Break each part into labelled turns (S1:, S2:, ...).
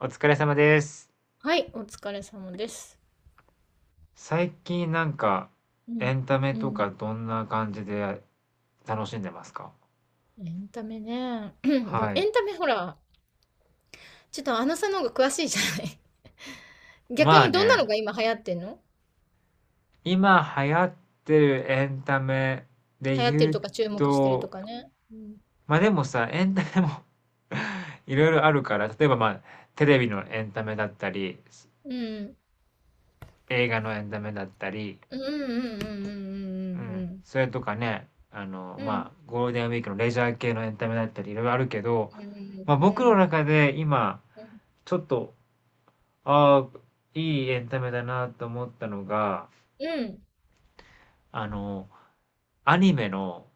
S1: お疲れ様です。
S2: はい、お疲れ様です。
S1: 最近なんか
S2: う
S1: エ
S2: ん。
S1: ンタメ
S2: う
S1: とか
S2: ん。
S1: どんな感じで楽しんでますか？
S2: エンタメね。でも
S1: は
S2: エ
S1: い。
S2: ンタメほら、ちょっとアナさんの方が詳しいじゃない。逆
S1: まあ
S2: にどんな
S1: ね、
S2: のが今流行ってんの？
S1: 今流行ってるエンタメで
S2: 流行って
S1: 言
S2: る
S1: う
S2: とか注目してると
S1: と、
S2: かね。うん。
S1: まあでもさ、エンタメも いろいろあるから、例えばまあテレビのエンタメだったり、
S2: うん。
S1: 映画のエンタメだったり、
S2: うんうんうん
S1: うん、
S2: うん
S1: それとかね、あの、
S2: うんうんうん。う
S1: まあ
S2: ん。
S1: ゴールデンウィークのレジャー系のエンタメだったりいろいろあるけど、
S2: うん
S1: まあ
S2: うんう
S1: 僕の
S2: ん
S1: 中で今、ちょっと、ああ、いいエンタメだなと思ったのが、
S2: うん。
S1: あの、アニメの、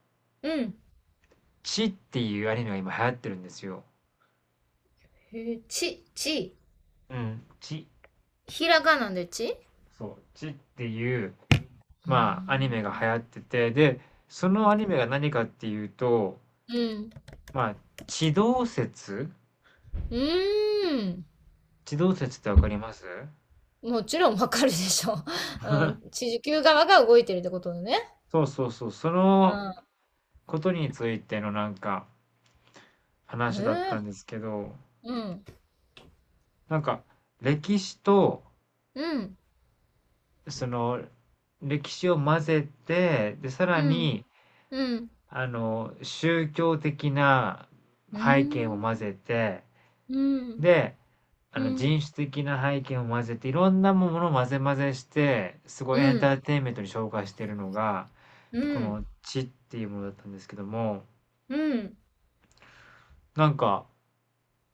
S2: うん。
S1: チっていうアニメが今流行ってるんですよ。
S2: へえ、ち、ち。
S1: うん、チ。
S2: ひらがなでち。う
S1: そう、チっていう、
S2: ー
S1: まあ、アニ
S2: ん。
S1: メが流行ってて、で、そのア
S2: う
S1: ニメが何かっていうと、
S2: ん。
S1: まあ、地動説
S2: うーん。
S1: 地動説ってわかります？
S2: もちろんわかるでしょ。うん、地球側が動いてるってことだね。
S1: そうそうそう、そ
S2: う
S1: の
S2: ん。
S1: ことについてのなんか
S2: へ
S1: 話だったんで
S2: え。
S1: すけど、
S2: うん。
S1: なんか歴史と
S2: うん。
S1: その歴史を混ぜて、で、さら
S2: うん。
S1: に、
S2: うん。
S1: あの、宗教的な
S2: う
S1: 背景も
S2: ん。
S1: 混ぜて、
S2: うん。
S1: で、あ
S2: う
S1: の、
S2: ん。
S1: 人種的な背景も混ぜて、いろんなものを混ぜ混ぜして、すごい
S2: う
S1: エンタ
S2: ん。
S1: ーテインメントに昇華してるのが、
S2: う
S1: こ
S2: ん。
S1: の「地」っていうものだったんですけども、
S2: うん。
S1: なんか、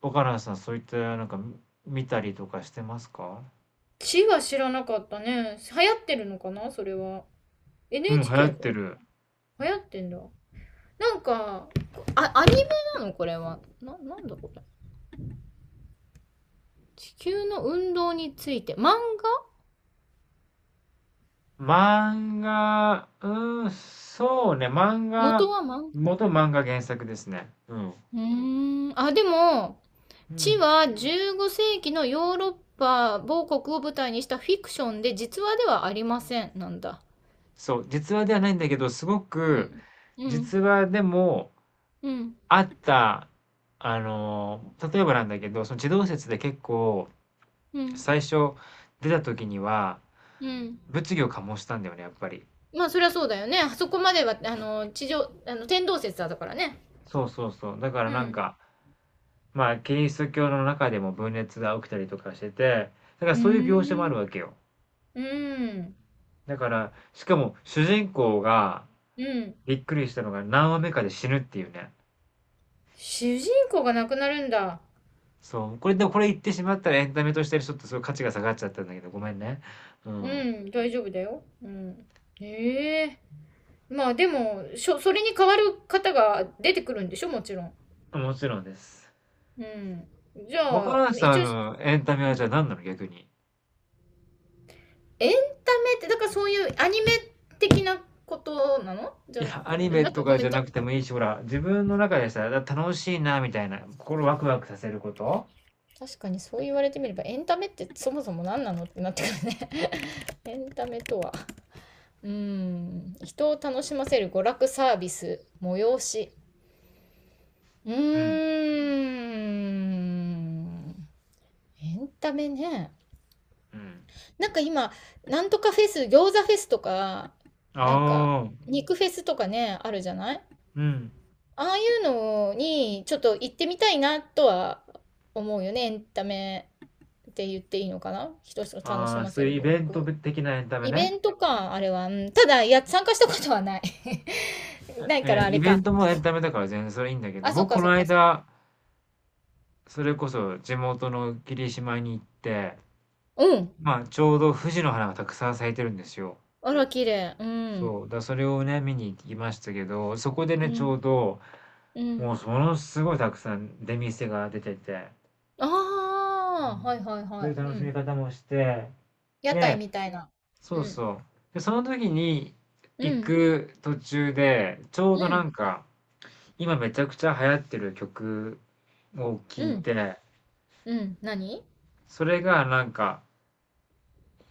S1: 若菜さんそういったなんか見たりとかしてますか？
S2: 地は知らなかったね。流行ってるのかなそれは。
S1: うん、流行
S2: NHK
S1: って
S2: こ
S1: る。
S2: れ。流行ってんだ。なんか、あ、アニメなのこれは。なんだこれ。地球の運動について。漫画。
S1: 漫画、うん、そうね、漫
S2: 元
S1: 画、
S2: は漫画。
S1: 元漫画原作ですね。うん。
S2: うーん。あ、でも、
S1: う
S2: 地
S1: ん。
S2: は15世紀のヨーロッパ某国を舞台にしたフィクションで実話ではありませんなんだ。
S1: そう、実話ではないんだけど、すご
S2: う
S1: く、
S2: ん。うん。
S1: 実話でも
S2: うん。
S1: あった、あの、例えばなんだけど、その地動説で結構、
S2: うん。
S1: 最初出た時には、
S2: うん。
S1: 物議を醸したんだよね、やっぱり。
S2: まあそりゃそうだよね。あそこまでは、あの、地上、あの、天動説だからね。
S1: そうそうそう。だから
S2: う
S1: なん
S2: ん。
S1: か、まあ、キリスト教の中でも分裂が起きたりとかしてて、だから
S2: うー
S1: そういう描写もある
S2: ん。
S1: わけよ。
S2: うん。
S1: だから、しかも主人公が
S2: うん。
S1: びっくりしたのが何話目かで死ぬっていうね。
S2: 主人公が亡くなるんだ。
S1: そう。これ、でもこれ言ってしまったらエンタメとしてちょっとそごいう価値が下がっちゃったんだけど、ごめんね。う
S2: う
S1: ん。
S2: ん。大丈夫だよ。うん。ええ、まあでも、それに代わる方が出てくるんでしょもちろん。
S1: もちろんです。
S2: うん。じゃ
S1: 若
S2: あ、
S1: 林さ
S2: 一
S1: ん
S2: 応、
S1: のエンタメ
S2: う
S1: はじゃあ
S2: ん、
S1: 何なの逆に？
S2: エンタメって、だからそういうアニメ的なことなのじ
S1: い
S2: ゃな
S1: や、アニ
S2: く、
S1: メ
S2: なん
S1: と
S2: かご
S1: か
S2: め
S1: じ
S2: ん、
S1: ゃなくてもいいし、ほら、自分の中でさ、楽しいな、みたいな、心ワクワクさせること。
S2: 確かにそう言われてみれば、エンタメってそもそも何なのってなってくるね。 エンタメとは、うーん、人を楽しませる娯楽サービス、催し。うーん、
S1: うん。
S2: エンタメね。
S1: うん。
S2: なんか今、なんとかフェス、餃子フェスとか、なんか、
S1: ああ、
S2: 肉フェスとかね、あるじゃない。
S1: うん。
S2: ああいうのにちょっと行ってみたいなとは思うよね。エンタメって言っていいのかな、人を楽し
S1: ああ、
S2: ま
S1: そ
S2: せ
S1: ういう
S2: る
S1: イ
S2: 娯
S1: ベント
S2: 楽。
S1: 的なエンタメ
S2: イ
S1: ね。
S2: ベントか、あれは。うん、ただ、いや、参加したことはない。ないか
S1: え、
S2: ら、あれ
S1: イベン
S2: か。
S1: トもエンタメだから全然それいいんだけど、
S2: あ、そっ
S1: 僕
S2: か
S1: こ
S2: そ
S1: の
S2: っかそっか。
S1: 間、それこそ地元の霧島に行って、
S2: うん。
S1: まあちょうど富士の花がたくさん咲いてるんですよ。
S2: あら、綺麗。う
S1: そ
S2: ん。
S1: う。だそれをね、見に行きましたけど、そこで
S2: う
S1: ね、ち
S2: ん。
S1: ょうど、
S2: う
S1: もう
S2: ん。
S1: そのすごいたくさん出店が出てて、
S2: あ
S1: う
S2: あ、
S1: ん。
S2: はいはい
S1: そ
S2: は
S1: ういう
S2: い。
S1: 楽
S2: う
S1: しみ
S2: ん。
S1: 方もして、
S2: 屋台
S1: で、
S2: みたいな。
S1: そ
S2: う
S1: う
S2: ん。
S1: そう。で、その時に
S2: う
S1: 行
S2: ん。
S1: く途中で、ちょう
S2: う
S1: どな
S2: ん。
S1: んか、今めちゃくちゃ流行ってる曲を聴い
S2: うん。
S1: て、
S2: うん。何？
S1: それがなんか、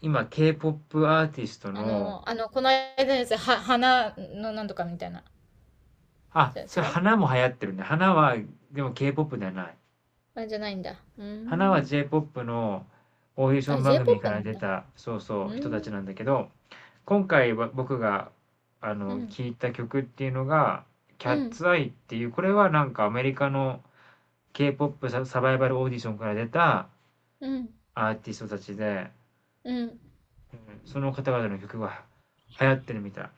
S1: 今 K-POP アーティスト
S2: あ
S1: の
S2: の、あの、この間のやつ、は、花のなんとかみたいな。
S1: あ、
S2: じゃ
S1: それ
S2: あ違う？
S1: 花も流行ってるね。花は、でも K-POP ではない。
S2: あ、じゃないんだ。う
S1: 花は
S2: ーん。
S1: J-POP のオーディショ
S2: あ、
S1: ン番
S2: j ポッ
S1: 組か
S2: プ
S1: ら
S2: なん
S1: 出
S2: だ。
S1: た、そう
S2: う
S1: そう、人
S2: ー
S1: たち
S2: ん。
S1: なんだけど、今回は僕が、あ
S2: う
S1: の、
S2: ん。
S1: 聞いた曲っていうのが、キャ
S2: う
S1: ッ
S2: ん。
S1: ツアイっていう、これはなんかアメリカの K-POP ササバイバルオーディションから出た
S2: うん。
S1: アーティストたちで、
S2: うん。
S1: うん、その方々の曲が流行ってるみたい。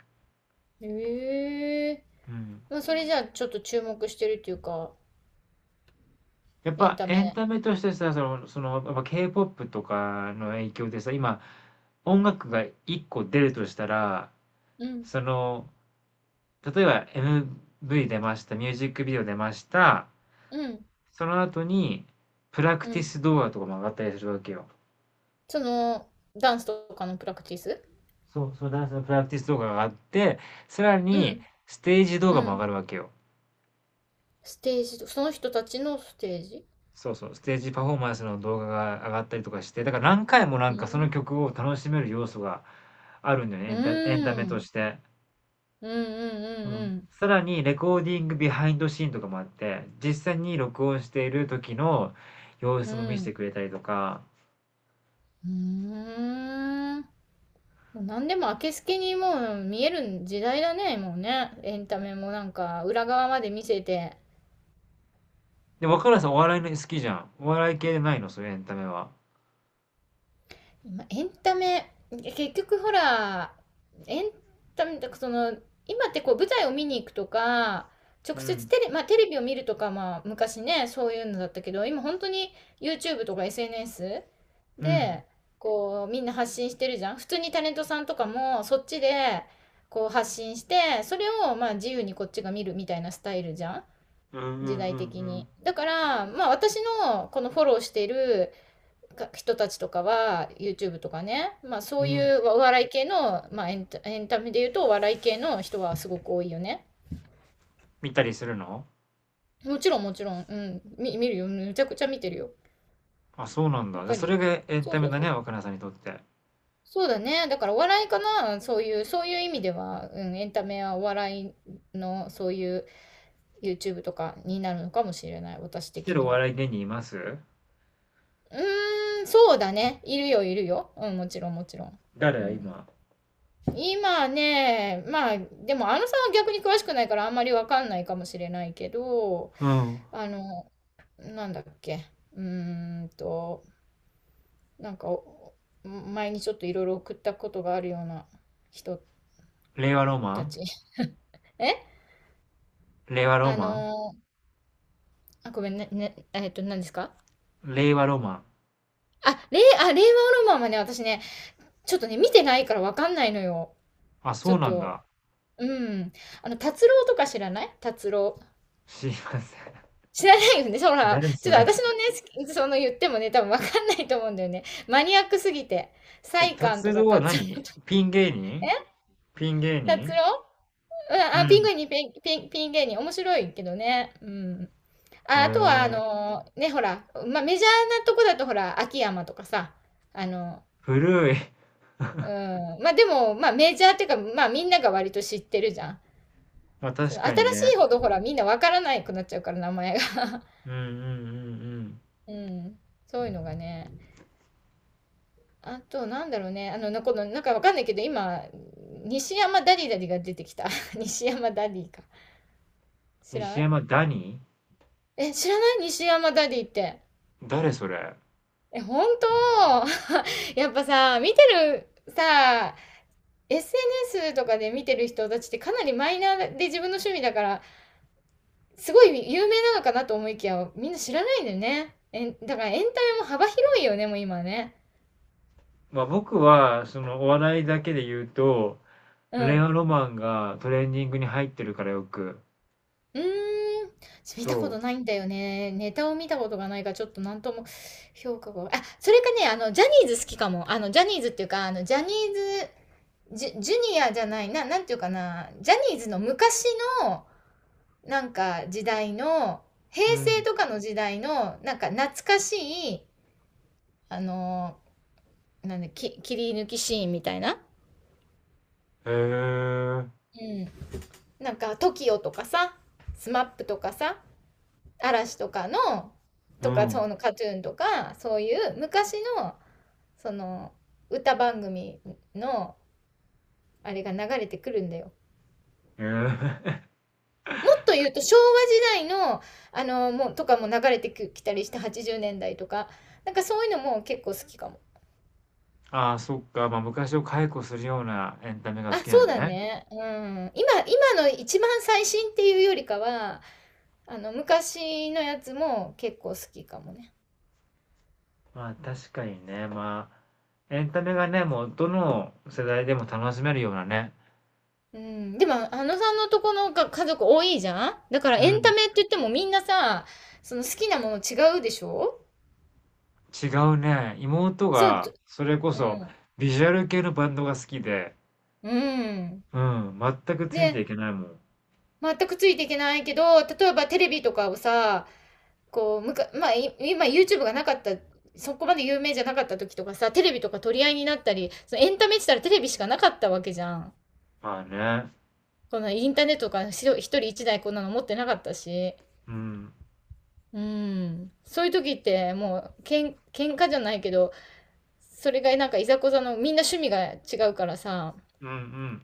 S2: ええ、
S1: うん。
S2: まあ、それじゃあ、ちょっと注目してるっていうか、
S1: やっ
S2: エン
S1: ぱ
S2: タ
S1: エン
S2: メ。
S1: タメとしてさ、その、やっぱ K-POP とかの影響でさ、今、音楽が1個出るとしたら、
S2: うん。
S1: その、例えば MV 出ました、ミュージックビデオ出ました、
S2: うん。
S1: その後に、プラク
S2: う
S1: ティ
S2: ん。
S1: ス動画とかも上がったりするわけよ。
S2: その、ダンスとかのプラクティス。
S1: そう、そう、ダンスのプラクティス動画が上がって、さら
S2: う
S1: に、
S2: ん。
S1: ステージ動
S2: う
S1: 画も上が
S2: ん。
S1: るわけよ。
S2: ステージと、その人たちのステージ。
S1: そうそう、ステージパフォーマンスの動画が上がったりとかして、だから何回もな
S2: う
S1: んかその
S2: ん。
S1: 曲を楽しめる要素があるんだよね、エ
S2: う
S1: ンタ、エンタ
S2: ー
S1: メと
S2: ん。
S1: して。
S2: うん
S1: う
S2: う
S1: ん。
S2: ん
S1: さらにレコーディングビハインドシーンとかもあって、実際に録音している時の様
S2: うん
S1: 子も
S2: うん。う
S1: 見せて
S2: ん。
S1: くれたりとか。
S2: うーん。もう何でも明けすけにもう見える時代だね、もうね。エンタメもなんか裏側まで見せて。
S1: で、若菜さんお笑いの好きじゃん。お笑い系でないの？そういうエンタメは。
S2: 今、エンタメ、結局ほら、エンタメ、だかその、今ってこう舞台を見に行くとか、
S1: う
S2: 直接
S1: ん。
S2: テレ、まあ、テレビを見るとか、まあ、昔ね、そういうのだったけど、今本当に YouTube とか SNS
S1: うん。
S2: で、こう、みんな発信してるじゃん。普通にタレントさんとかも、そっちで、こう発信して、それをまあ自由にこっちが見るみたいなスタイルじゃん。
S1: うんうんう
S2: 時代的に。
S1: ん
S2: だから、まあ私のこのフォローしているか人たちとかは、YouTube とかね、まあそ
S1: う
S2: う
S1: ん。う
S2: い
S1: ん。
S2: うお笑い系の、まあエンタメで言うとお笑い系の人はすごく多いよね。
S1: 見たりするの？
S2: もちろんもちろん、うん、見るよ。めちゃくちゃ見てるよ。
S1: あ、そうなん
S2: やっ
S1: だ。じゃ、
S2: ぱ
S1: それ
S2: り。
S1: がエン
S2: そう
S1: タメ
S2: そう
S1: だ
S2: そ
S1: ね、
S2: う。
S1: 若菜さんにとって。
S2: そうだね。だからお笑いかな。そういう、そういう意味では、うん、エンタメはお笑いの、そういう YouTube とかになるのかもしれない。私
S1: 来て
S2: 的
S1: るお
S2: には。
S1: 笑い芸人います？
S2: うーん、そうだね。いるよ、いるよ。うん、もちろん、もちろん。う
S1: 誰？
S2: ん、
S1: 今。
S2: 今ね、まあ、でも、あのさんは逆に詳しくないから、あんまりわかんないかもしれないけど、
S1: うん。
S2: あの、なんだっけ。うーんと、なんか、お前にちょっといろいろ送ったことがあるような人
S1: 令和ロマ
S2: た
S1: ン？
S2: ち。え、
S1: 令和ロ
S2: あ
S1: マン？
S2: の、あ、ごめんね、ね、えっと、何ですか？
S1: 令和ロマン。
S2: あ、令和ロマンはね、私ね、ちょっとね、見てないからわかんないのよ。
S1: あ、
S2: ち
S1: そ
S2: ょっ
S1: うなん
S2: と、
S1: だ。
S2: うん。あの、達郎とか知らない？達郎。
S1: 知りません。
S2: 知らないよね。そ ら、
S1: 誰
S2: ち
S1: そ
S2: ょっと
S1: れ？
S2: 私のね、好きその言ってもね、多分わかんないと思うんだよね。マニアックすぎて。
S1: え、
S2: サイカン
S1: 達
S2: とか
S1: 郎は
S2: 達
S1: 何？
S2: 郎。
S1: ピン芸
S2: え、
S1: 人？ピン芸
S2: 達
S1: 人？
S2: 郎。うん、
S1: う
S2: あ、
S1: ん。
S2: ピン芸人。面白いけどね。うん。
S1: へ
S2: あ、あとは、あ
S1: え、
S2: のね、ほら、まあ、メジャーなとこだと、ほら、秋山とかさ、あの、
S1: 古い。
S2: うん。まあ、でも、まあ、メジャーっていうか、まあ、みんなが割と知ってるじゃん。
S1: まあ
S2: そ
S1: 確
S2: の
S1: か
S2: 新
S1: に
S2: し
S1: ね。
S2: いほど、ほら、みんなわからなくなっちゃうから、名前が。
S1: うんうんうんうん。
S2: うん、そういうのがね。あと、なんだろうね。あの、この、なんかわかんないけど、今、西山ダディが出てきた。西山ダディか。知らな
S1: 西
S2: い？
S1: 山ダニ
S2: え、知らない西山ダディって。
S1: ー？誰それ？
S2: え、本当？ やっぱさ、見てる、さ、SNS とかで見てる人たちってかなりマイナーで自分の趣味だから、すごい有名なのかなと思いきや、みんな知らないんだよね。え、だからエンタメも幅広いよね、もう今ね。
S1: まあ僕は、そのお笑いだけで言うと、
S2: う
S1: レ
S2: ん。
S1: オロマンがトレンディングに入ってるからよく。
S2: うーん、見た
S1: そ
S2: ことないんだよね。ネタを見たことがないから、ちょっとなんとも評価が。あ、それかね、あの、ジャニーズ好きかも。あの、ジャニーズっていうか、あの、ジャニーズ、ジュニアじゃない、なんていうかな、ジャニーズの昔の、なんか、時代の、平
S1: う。う
S2: 成
S1: ん。
S2: とかの時代の、なんか、懐かしい、あの、なんだ、切り抜きシーンみたいな。
S1: へえ、
S2: うん。なんか、トキオとかさ、スマップとかさ、嵐とかの
S1: う
S2: とかそ
S1: ん。
S2: のカトゥーンとかそういう昔のその歌番組のあれが流れてくるんだよ。
S1: へえ。
S2: もっと言うと昭和時代のあのもうとかも流れてきたりして80年代とかなんかそういうのも結構好きかも。
S1: ああ、そっか。まあ昔を解雇するようなエンタメが
S2: あ、
S1: 好きな
S2: そう
S1: ん
S2: だ
S1: だね。
S2: ね。うん、今の一番最新っていうよりかはあの昔のやつも結構好きかもね。
S1: まあ確かにね、まあ、エンタメがね、もうどの世代でも楽しめるようなね、
S2: うん、でも、あのさんのとこのが家族多いじゃん。だから
S1: う
S2: エンタ
S1: ん、
S2: メって言ってもみんなさ、その好きなもの違うでしょ？
S1: 違うね、妹
S2: そう、と、
S1: がそれこ
S2: う
S1: そ
S2: ん、
S1: ビジュアル系のバンドが好きで、
S2: うん。
S1: うん、全くついて
S2: で、
S1: いけないもん。
S2: 全くついていけないけど、例えばテレビとかをさ、こう、まあ、今 YouTube がなかった、そこまで有名じゃなかった時とかさ、テレビとか取り合いになったり、そのエンタメって言ったらテレビしかなかったわけじゃん。
S1: まあね、
S2: このインターネットとかしろ一人一台こんなの持ってなかったし。
S1: うん、
S2: うん。そういう時って、もう、喧嘩じゃないけど、それがなんかいざこざのみんな趣味が違うからさ
S1: うんうん。